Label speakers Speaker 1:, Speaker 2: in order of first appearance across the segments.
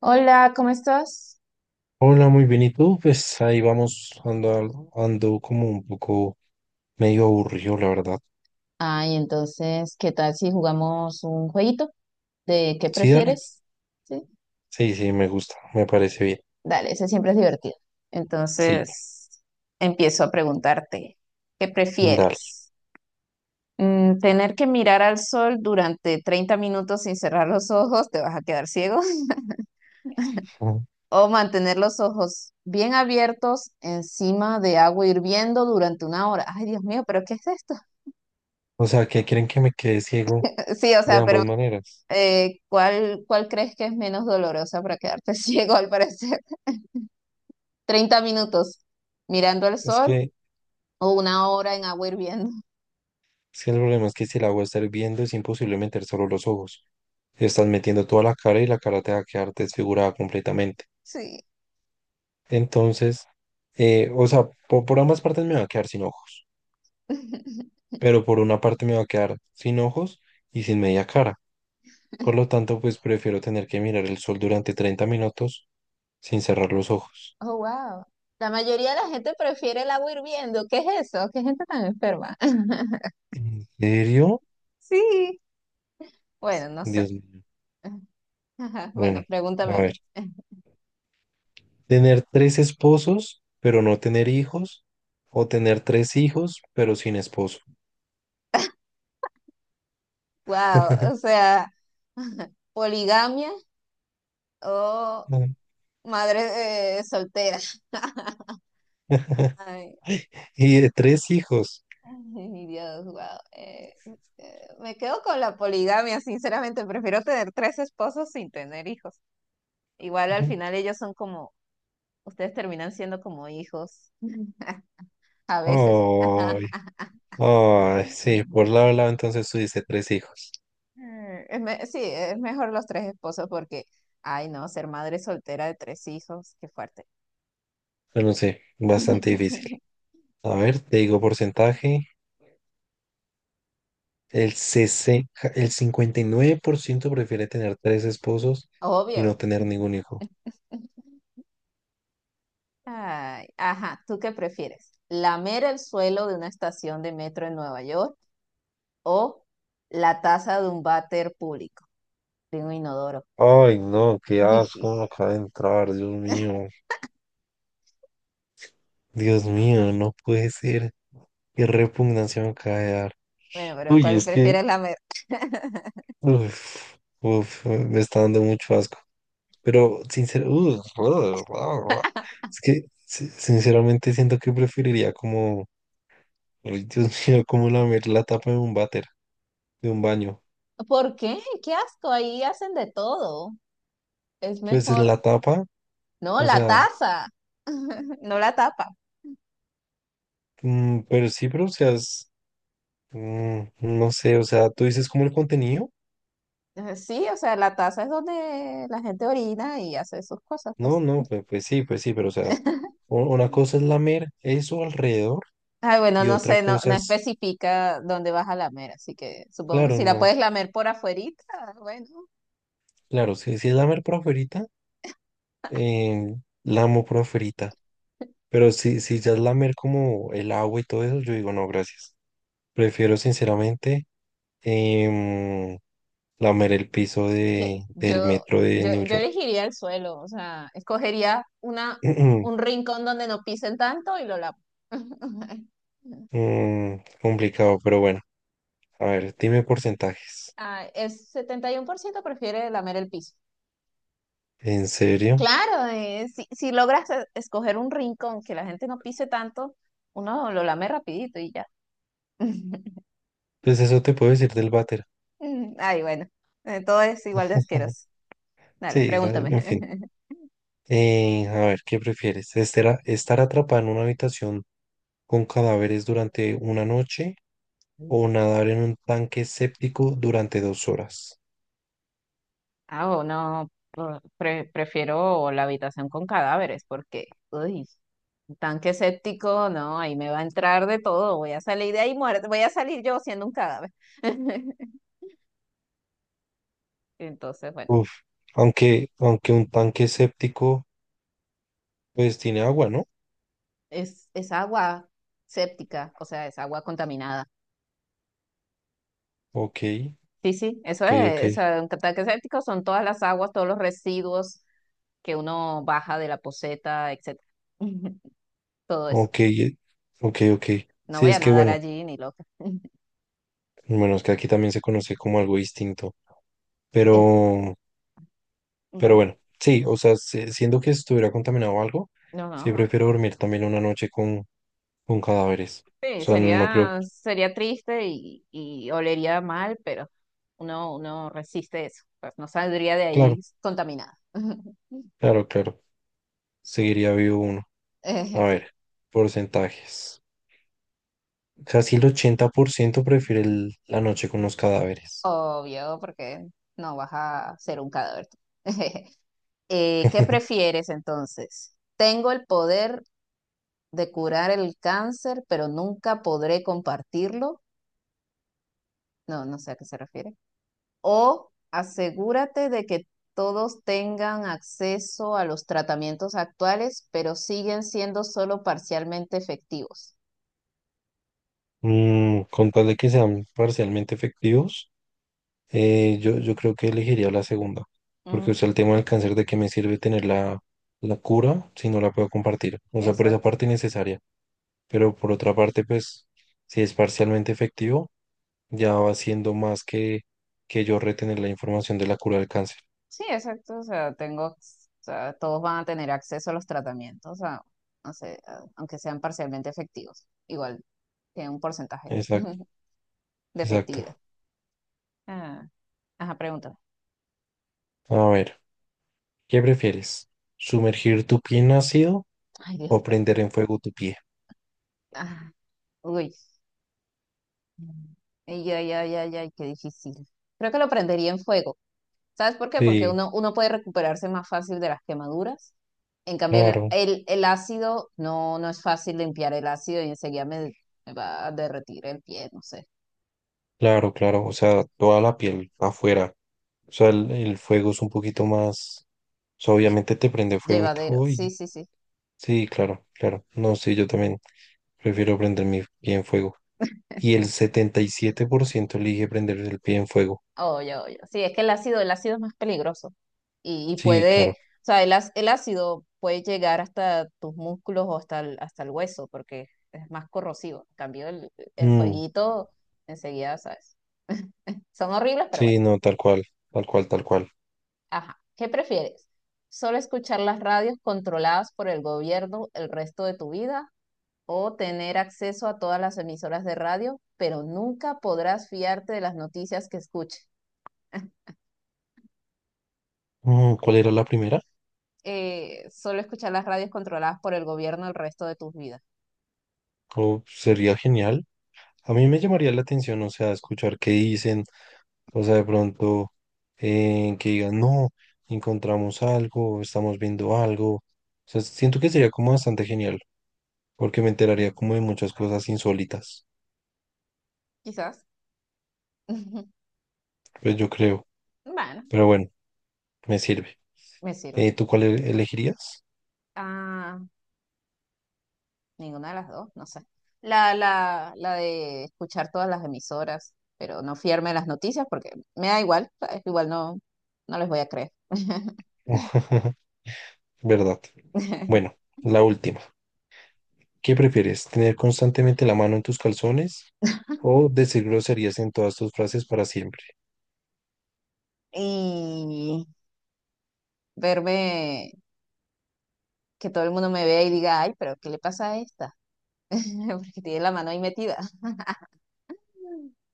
Speaker 1: Hola, ¿cómo estás?
Speaker 2: Hola, muy bien. ¿Y tú? Pues ahí vamos, ando como un poco medio aburrido, la verdad.
Speaker 1: Ay, entonces, ¿qué tal si jugamos un jueguito de qué
Speaker 2: Sí, dale.
Speaker 1: prefieres? Sí,
Speaker 2: Sí, sí, me gusta, me parece bien.
Speaker 1: dale, ese siempre es divertido.
Speaker 2: Sí,
Speaker 1: Entonces, empiezo a preguntarte, ¿qué
Speaker 2: dale.
Speaker 1: prefieres? ¿Tener que mirar al sol durante 30 minutos sin cerrar los ojos, te vas a quedar ciego?
Speaker 2: Ujú.
Speaker 1: ¿O mantener los ojos bien abiertos encima de agua hirviendo durante una hora? Ay, Dios mío, ¿pero qué es esto?
Speaker 2: O sea, que quieren que me quede ciego
Speaker 1: Sí, o
Speaker 2: de
Speaker 1: sea, pero.
Speaker 2: ambas maneras.
Speaker 1: ¿Cuál crees que es menos dolorosa para quedarte ciego al parecer? 30 minutos mirando el
Speaker 2: Es
Speaker 1: sol
Speaker 2: que,
Speaker 1: o una hora en agua hirviendo.
Speaker 2: es que el problema es que si el agua está hirviendo es imposible meter solo los ojos. Estás metiendo toda la cara y la cara te va a quedar desfigurada completamente.
Speaker 1: Sí.
Speaker 2: Entonces, o sea, por ambas partes me va a quedar sin ojos, pero por una parte me va a quedar sin ojos y sin media cara. Por lo tanto, pues prefiero tener que mirar el sol durante 30 minutos sin cerrar los ojos.
Speaker 1: Oh, wow. La mayoría de la gente prefiere el agua hirviendo. ¿Qué es eso? ¿Qué gente tan enferma?
Speaker 2: ¿En serio?
Speaker 1: Sí. Bueno, no sé.
Speaker 2: Dios mío.
Speaker 1: Ajá, bueno,
Speaker 2: Bueno,
Speaker 1: pregúntame
Speaker 2: a
Speaker 1: a
Speaker 2: ver.
Speaker 1: mí.
Speaker 2: Tener tres esposos, pero no tener hijos. O tener tres hijos, pero sin esposo.
Speaker 1: Wow, o sea, poligamia o madre soltera. Ay,
Speaker 2: Y de tres hijos.
Speaker 1: ay, mi Dios, wow. Eh, me quedo con la poligamia, sinceramente. Prefiero tener tres esposos sin tener hijos. Igual al final ellos son como, ustedes terminan siendo como hijos, a veces.
Speaker 2: Ay, ay, sí, por lado a lado entonces tú dices tres hijos.
Speaker 1: Sí, es mejor los tres esposos porque, ay, no, ser madre soltera de tres hijos, qué fuerte.
Speaker 2: Pero no sé, bastante difícil. A ver, te digo porcentaje. 60 el 59% prefiere tener tres esposos y
Speaker 1: Obvio.
Speaker 2: no tener ningún hijo.
Speaker 1: Ay, ajá, ¿tú qué prefieres? ¿Lamer el suelo de una estación de metro en Nueva York? ¿O la taza de un váter público, de un inodoro?
Speaker 2: Ay, no, qué asco me acaba de entrar, Dios mío. Dios mío, no puede ser. Qué repugnancia me acaba de dar.
Speaker 1: Bueno, pero
Speaker 2: Uy,
Speaker 1: ¿cuál prefieres
Speaker 2: uf, uf, me está dando mucho asco. Pero, sinceramente, es que, si- sinceramente, siento que preferiría como, ay, Dios mío, como lamer la tapa de un váter, de un baño.
Speaker 1: ¿Por qué? ¡Qué asco! Ahí hacen de todo. Es
Speaker 2: Pues la
Speaker 1: mejor.
Speaker 2: tapa,
Speaker 1: No,
Speaker 2: o
Speaker 1: la
Speaker 2: sea.
Speaker 1: taza. No la tapa.
Speaker 2: Pero sí, pero o sea, mm, no sé, o sea, tú dices como el contenido.
Speaker 1: Sí, o sea, la taza es donde la gente orina y hace sus cosas,
Speaker 2: No,
Speaker 1: pues.
Speaker 2: no, pues, pues sí, pero o sea, una cosa es lamer eso alrededor
Speaker 1: Ay, bueno,
Speaker 2: y
Speaker 1: no
Speaker 2: otra
Speaker 1: sé, no,
Speaker 2: cosa
Speaker 1: no
Speaker 2: es,
Speaker 1: especifica dónde vas a lamer, así que supongo que
Speaker 2: claro,
Speaker 1: si la
Speaker 2: no,
Speaker 1: puedes lamer por afuerita, bueno.
Speaker 2: claro, si es lamer por afuerita, eh, lamo por afuerita. Pero si ya es lamer como el agua y todo eso, yo digo, no, gracias. Prefiero sinceramente em, lamer el piso
Speaker 1: Yo,
Speaker 2: del
Speaker 1: yo,
Speaker 2: metro de
Speaker 1: yo,
Speaker 2: New
Speaker 1: yo
Speaker 2: York.
Speaker 1: elegiría el suelo, o sea, escogería un rincón donde no pisen tanto y lo lavo.
Speaker 2: Mm, complicado, pero bueno. A ver, dime porcentajes.
Speaker 1: Ah, el 71% prefiere lamer el piso.
Speaker 2: ¿En serio?
Speaker 1: Claro, si logras escoger un rincón que la gente no pise tanto, uno lo lame rapidito y ya.
Speaker 2: Pues eso te puedo decir del váter.
Speaker 1: Ay, bueno, todo es igual de asqueroso. Dale,
Speaker 2: En fin.
Speaker 1: pregúntame.
Speaker 2: A ver, ¿qué prefieres? ¿Estar atrapado en una habitación con cadáveres durante una noche o nadar en un tanque séptico durante 2 horas?
Speaker 1: Ah, o no, prefiero la habitación con cadáveres porque, uy, un tanque séptico, no, ahí me va a entrar de todo, voy a salir de ahí muerta, voy a salir yo siendo un cadáver. Entonces, bueno,
Speaker 2: Uf, aunque un tanque séptico, pues tiene agua, ¿no?
Speaker 1: es agua séptica, o sea, es agua contaminada.
Speaker 2: Ok,
Speaker 1: Sí, sí, eso
Speaker 2: ok, ok,
Speaker 1: es, o sea, un tanque séptico son todas las aguas, todos los residuos que uno baja de la poceta, etcétera. Todo eso.
Speaker 2: ok, eh, ok, ok.
Speaker 1: No
Speaker 2: Sí,
Speaker 1: voy a
Speaker 2: es que
Speaker 1: nadar allí ni loca.
Speaker 2: bueno, es que aquí también se conoce como algo distinto,
Speaker 1: El-
Speaker 2: pero Pero
Speaker 1: bueno,
Speaker 2: bueno, sí, o sea, siendo que estuviera contaminado o algo,
Speaker 1: no, no,
Speaker 2: sí
Speaker 1: no.
Speaker 2: prefiero dormir también una noche con cadáveres. O
Speaker 1: Sí,
Speaker 2: sea, no creo.
Speaker 1: sería, sería triste y olería mal, pero uno resiste eso, pues no saldría de
Speaker 2: Claro,
Speaker 1: ahí contaminada.
Speaker 2: claro, claro. Seguiría vivo uno. A
Speaker 1: Sí,
Speaker 2: ver, porcentajes. Casi el 80% prefiere la noche con los cadáveres.
Speaker 1: obvio, porque no vas a ser un cadáver, tú. ¿Qué prefieres entonces? ¿Tengo el poder de curar el cáncer, pero nunca podré compartirlo? No, no sé a qué se refiere. O asegúrate de que todos tengan acceso a los tratamientos actuales, pero siguen siendo solo parcialmente efectivos.
Speaker 2: Mm, con tal de que sean parcialmente efectivos, yo creo que elegiría la segunda. Porque, o
Speaker 1: Mm,
Speaker 2: sea, el tema del cáncer, ¿de qué me sirve tener la cura si no la puedo compartir? O sea, por esa
Speaker 1: exacto.
Speaker 2: parte innecesaria. Pero por otra parte, pues si es parcialmente efectivo, ya va siendo más que yo retener la información de la cura del cáncer.
Speaker 1: Sí, exacto. O sea, tengo, o sea, todos van a tener acceso a los tratamientos, no sé, aunque sean parcialmente efectivos. Igual tiene un porcentaje
Speaker 2: Exacto,
Speaker 1: de
Speaker 2: exacto.
Speaker 1: efectividad. Ah, ajá, pregúntame.
Speaker 2: A ver, ¿qué prefieres? ¿Sumergir tu pie en ácido
Speaker 1: Ay, Dios,
Speaker 2: o
Speaker 1: pero.
Speaker 2: prender en fuego tu pie?
Speaker 1: Ah, uy. Ay, ay, ay, ay, ay, qué difícil. Creo que lo prendería en fuego. ¿Sabes por qué? Porque
Speaker 2: Sí,
Speaker 1: uno puede recuperarse más fácil de las quemaduras. En cambio, el,
Speaker 2: claro,
Speaker 1: el, el ácido no, no es fácil limpiar el ácido y enseguida me va a derretir el pie, no sé.
Speaker 2: claro, claro. O sea, toda la piel afuera. O sea, el fuego es un poquito más... o sea, obviamente te prende fuego y
Speaker 1: Llevadero.
Speaker 2: todo.
Speaker 1: Sí, sí, sí.
Speaker 2: Sí, claro, claro. No, sí, yo también prefiero prender mi pie en fuego. Y el 77% elige prender el pie en fuego.
Speaker 1: Oye, oye. Sí, es que el ácido es más peligroso. Y
Speaker 2: Sí,
Speaker 1: puede,
Speaker 2: claro.
Speaker 1: o sea, el, el ácido puede llegar hasta tus músculos o hasta el hueso, porque es más corrosivo. En cambio, el
Speaker 2: Mm,
Speaker 1: fueguito enseguida, ¿sabes? Son horribles, pero bueno.
Speaker 2: sí, no, tal cual, tal cual, tal cual.
Speaker 1: Ajá. ¿Qué prefieres? ¿Solo escuchar las radios controladas por el gobierno el resto de tu vida? ¿O tener acceso a todas las emisoras de radio, pero nunca podrás fiarte de las noticias que escuches?
Speaker 2: Mm, ¿cuál era la primera?
Speaker 1: Solo escuchar las radios controladas por el gobierno el resto de tus vidas.
Speaker 2: Oh, sería genial. A mí me llamaría la atención, o sea, escuchar qué dicen, o sea, de pronto que digan, no, encontramos algo, estamos viendo algo. O sea, siento que sería como bastante genial, porque me enteraría como de muchas cosas insólitas.
Speaker 1: Quizás.
Speaker 2: Pues yo creo,
Speaker 1: Bueno,
Speaker 2: pero bueno, me sirve.
Speaker 1: me sirve.
Speaker 2: ¿Tú cuál elegirías?
Speaker 1: Ah, ninguna de las dos, no sé. La de escuchar todas las emisoras, pero no fiarme de las noticias porque me da igual, ¿sabes? Igual no, no les voy a creer.
Speaker 2: ¿Verdad? Bueno, la última. ¿Qué prefieres? ¿Tener constantemente la mano en tus calzones o decir groserías en todas tus frases para siempre?
Speaker 1: Y verme, que todo el mundo me vea y diga, ay, pero ¿qué le pasa a esta? Porque tiene la mano ahí metida.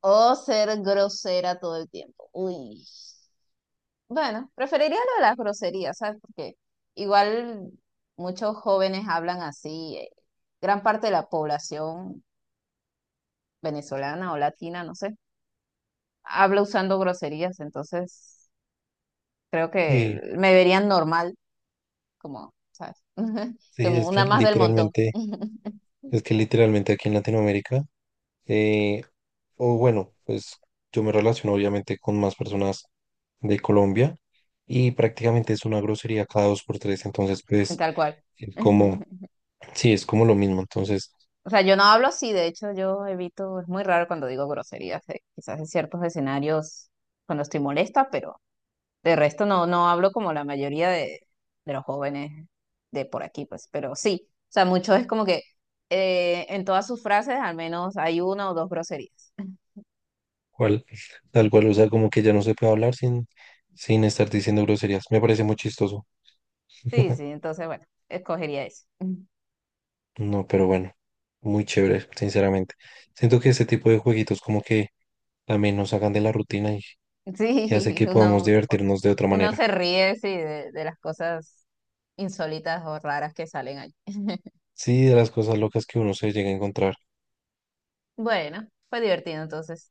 Speaker 1: O ser grosera todo el tiempo. Uy. Bueno, preferiría lo de las groserías, ¿sabes? Porque igual muchos jóvenes hablan así. Gran parte de la población venezolana o latina, no sé, habla usando groserías, entonces creo que
Speaker 2: Y
Speaker 1: me verían normal. Como, ¿sabes?
Speaker 2: sí,
Speaker 1: Como una más del montón,
Speaker 2: es que literalmente aquí en Latinoamérica, eh, o bueno, pues yo me relaciono obviamente con más personas de Colombia y prácticamente es una grosería cada dos por tres, entonces pues
Speaker 1: tal cual.
Speaker 2: es como, sí, es como lo mismo, entonces
Speaker 1: O sea, yo no hablo así, de hecho yo evito, es muy raro cuando digo groserías, quizás en ciertos escenarios cuando estoy molesta, pero de resto no, no hablo como la mayoría de, los jóvenes de por aquí, pues, pero sí, o sea, mucho es como que en todas sus frases al menos hay una o dos groserías.
Speaker 2: cual, tal cual, o sea, como que ya no se puede hablar sin, sin estar diciendo groserías. Me parece muy chistoso.
Speaker 1: Sí, sí, entonces bueno, escogería eso.
Speaker 2: No, pero bueno, muy chévere, sinceramente. Siento que este tipo de jueguitos como que también nos sacan de la rutina y hace
Speaker 1: Sí,
Speaker 2: que podamos
Speaker 1: uno,
Speaker 2: divertirnos de otra
Speaker 1: uno
Speaker 2: manera.
Speaker 1: se ríe, sí, de las cosas insólitas o raras que salen allí.
Speaker 2: Sí, de las cosas locas que uno se llega a encontrar.
Speaker 1: Bueno, fue divertido entonces.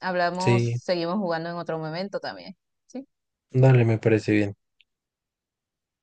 Speaker 1: Hablamos,
Speaker 2: Sí,
Speaker 1: seguimos jugando en otro momento también. ¿Sí?
Speaker 2: dale, me parece bien.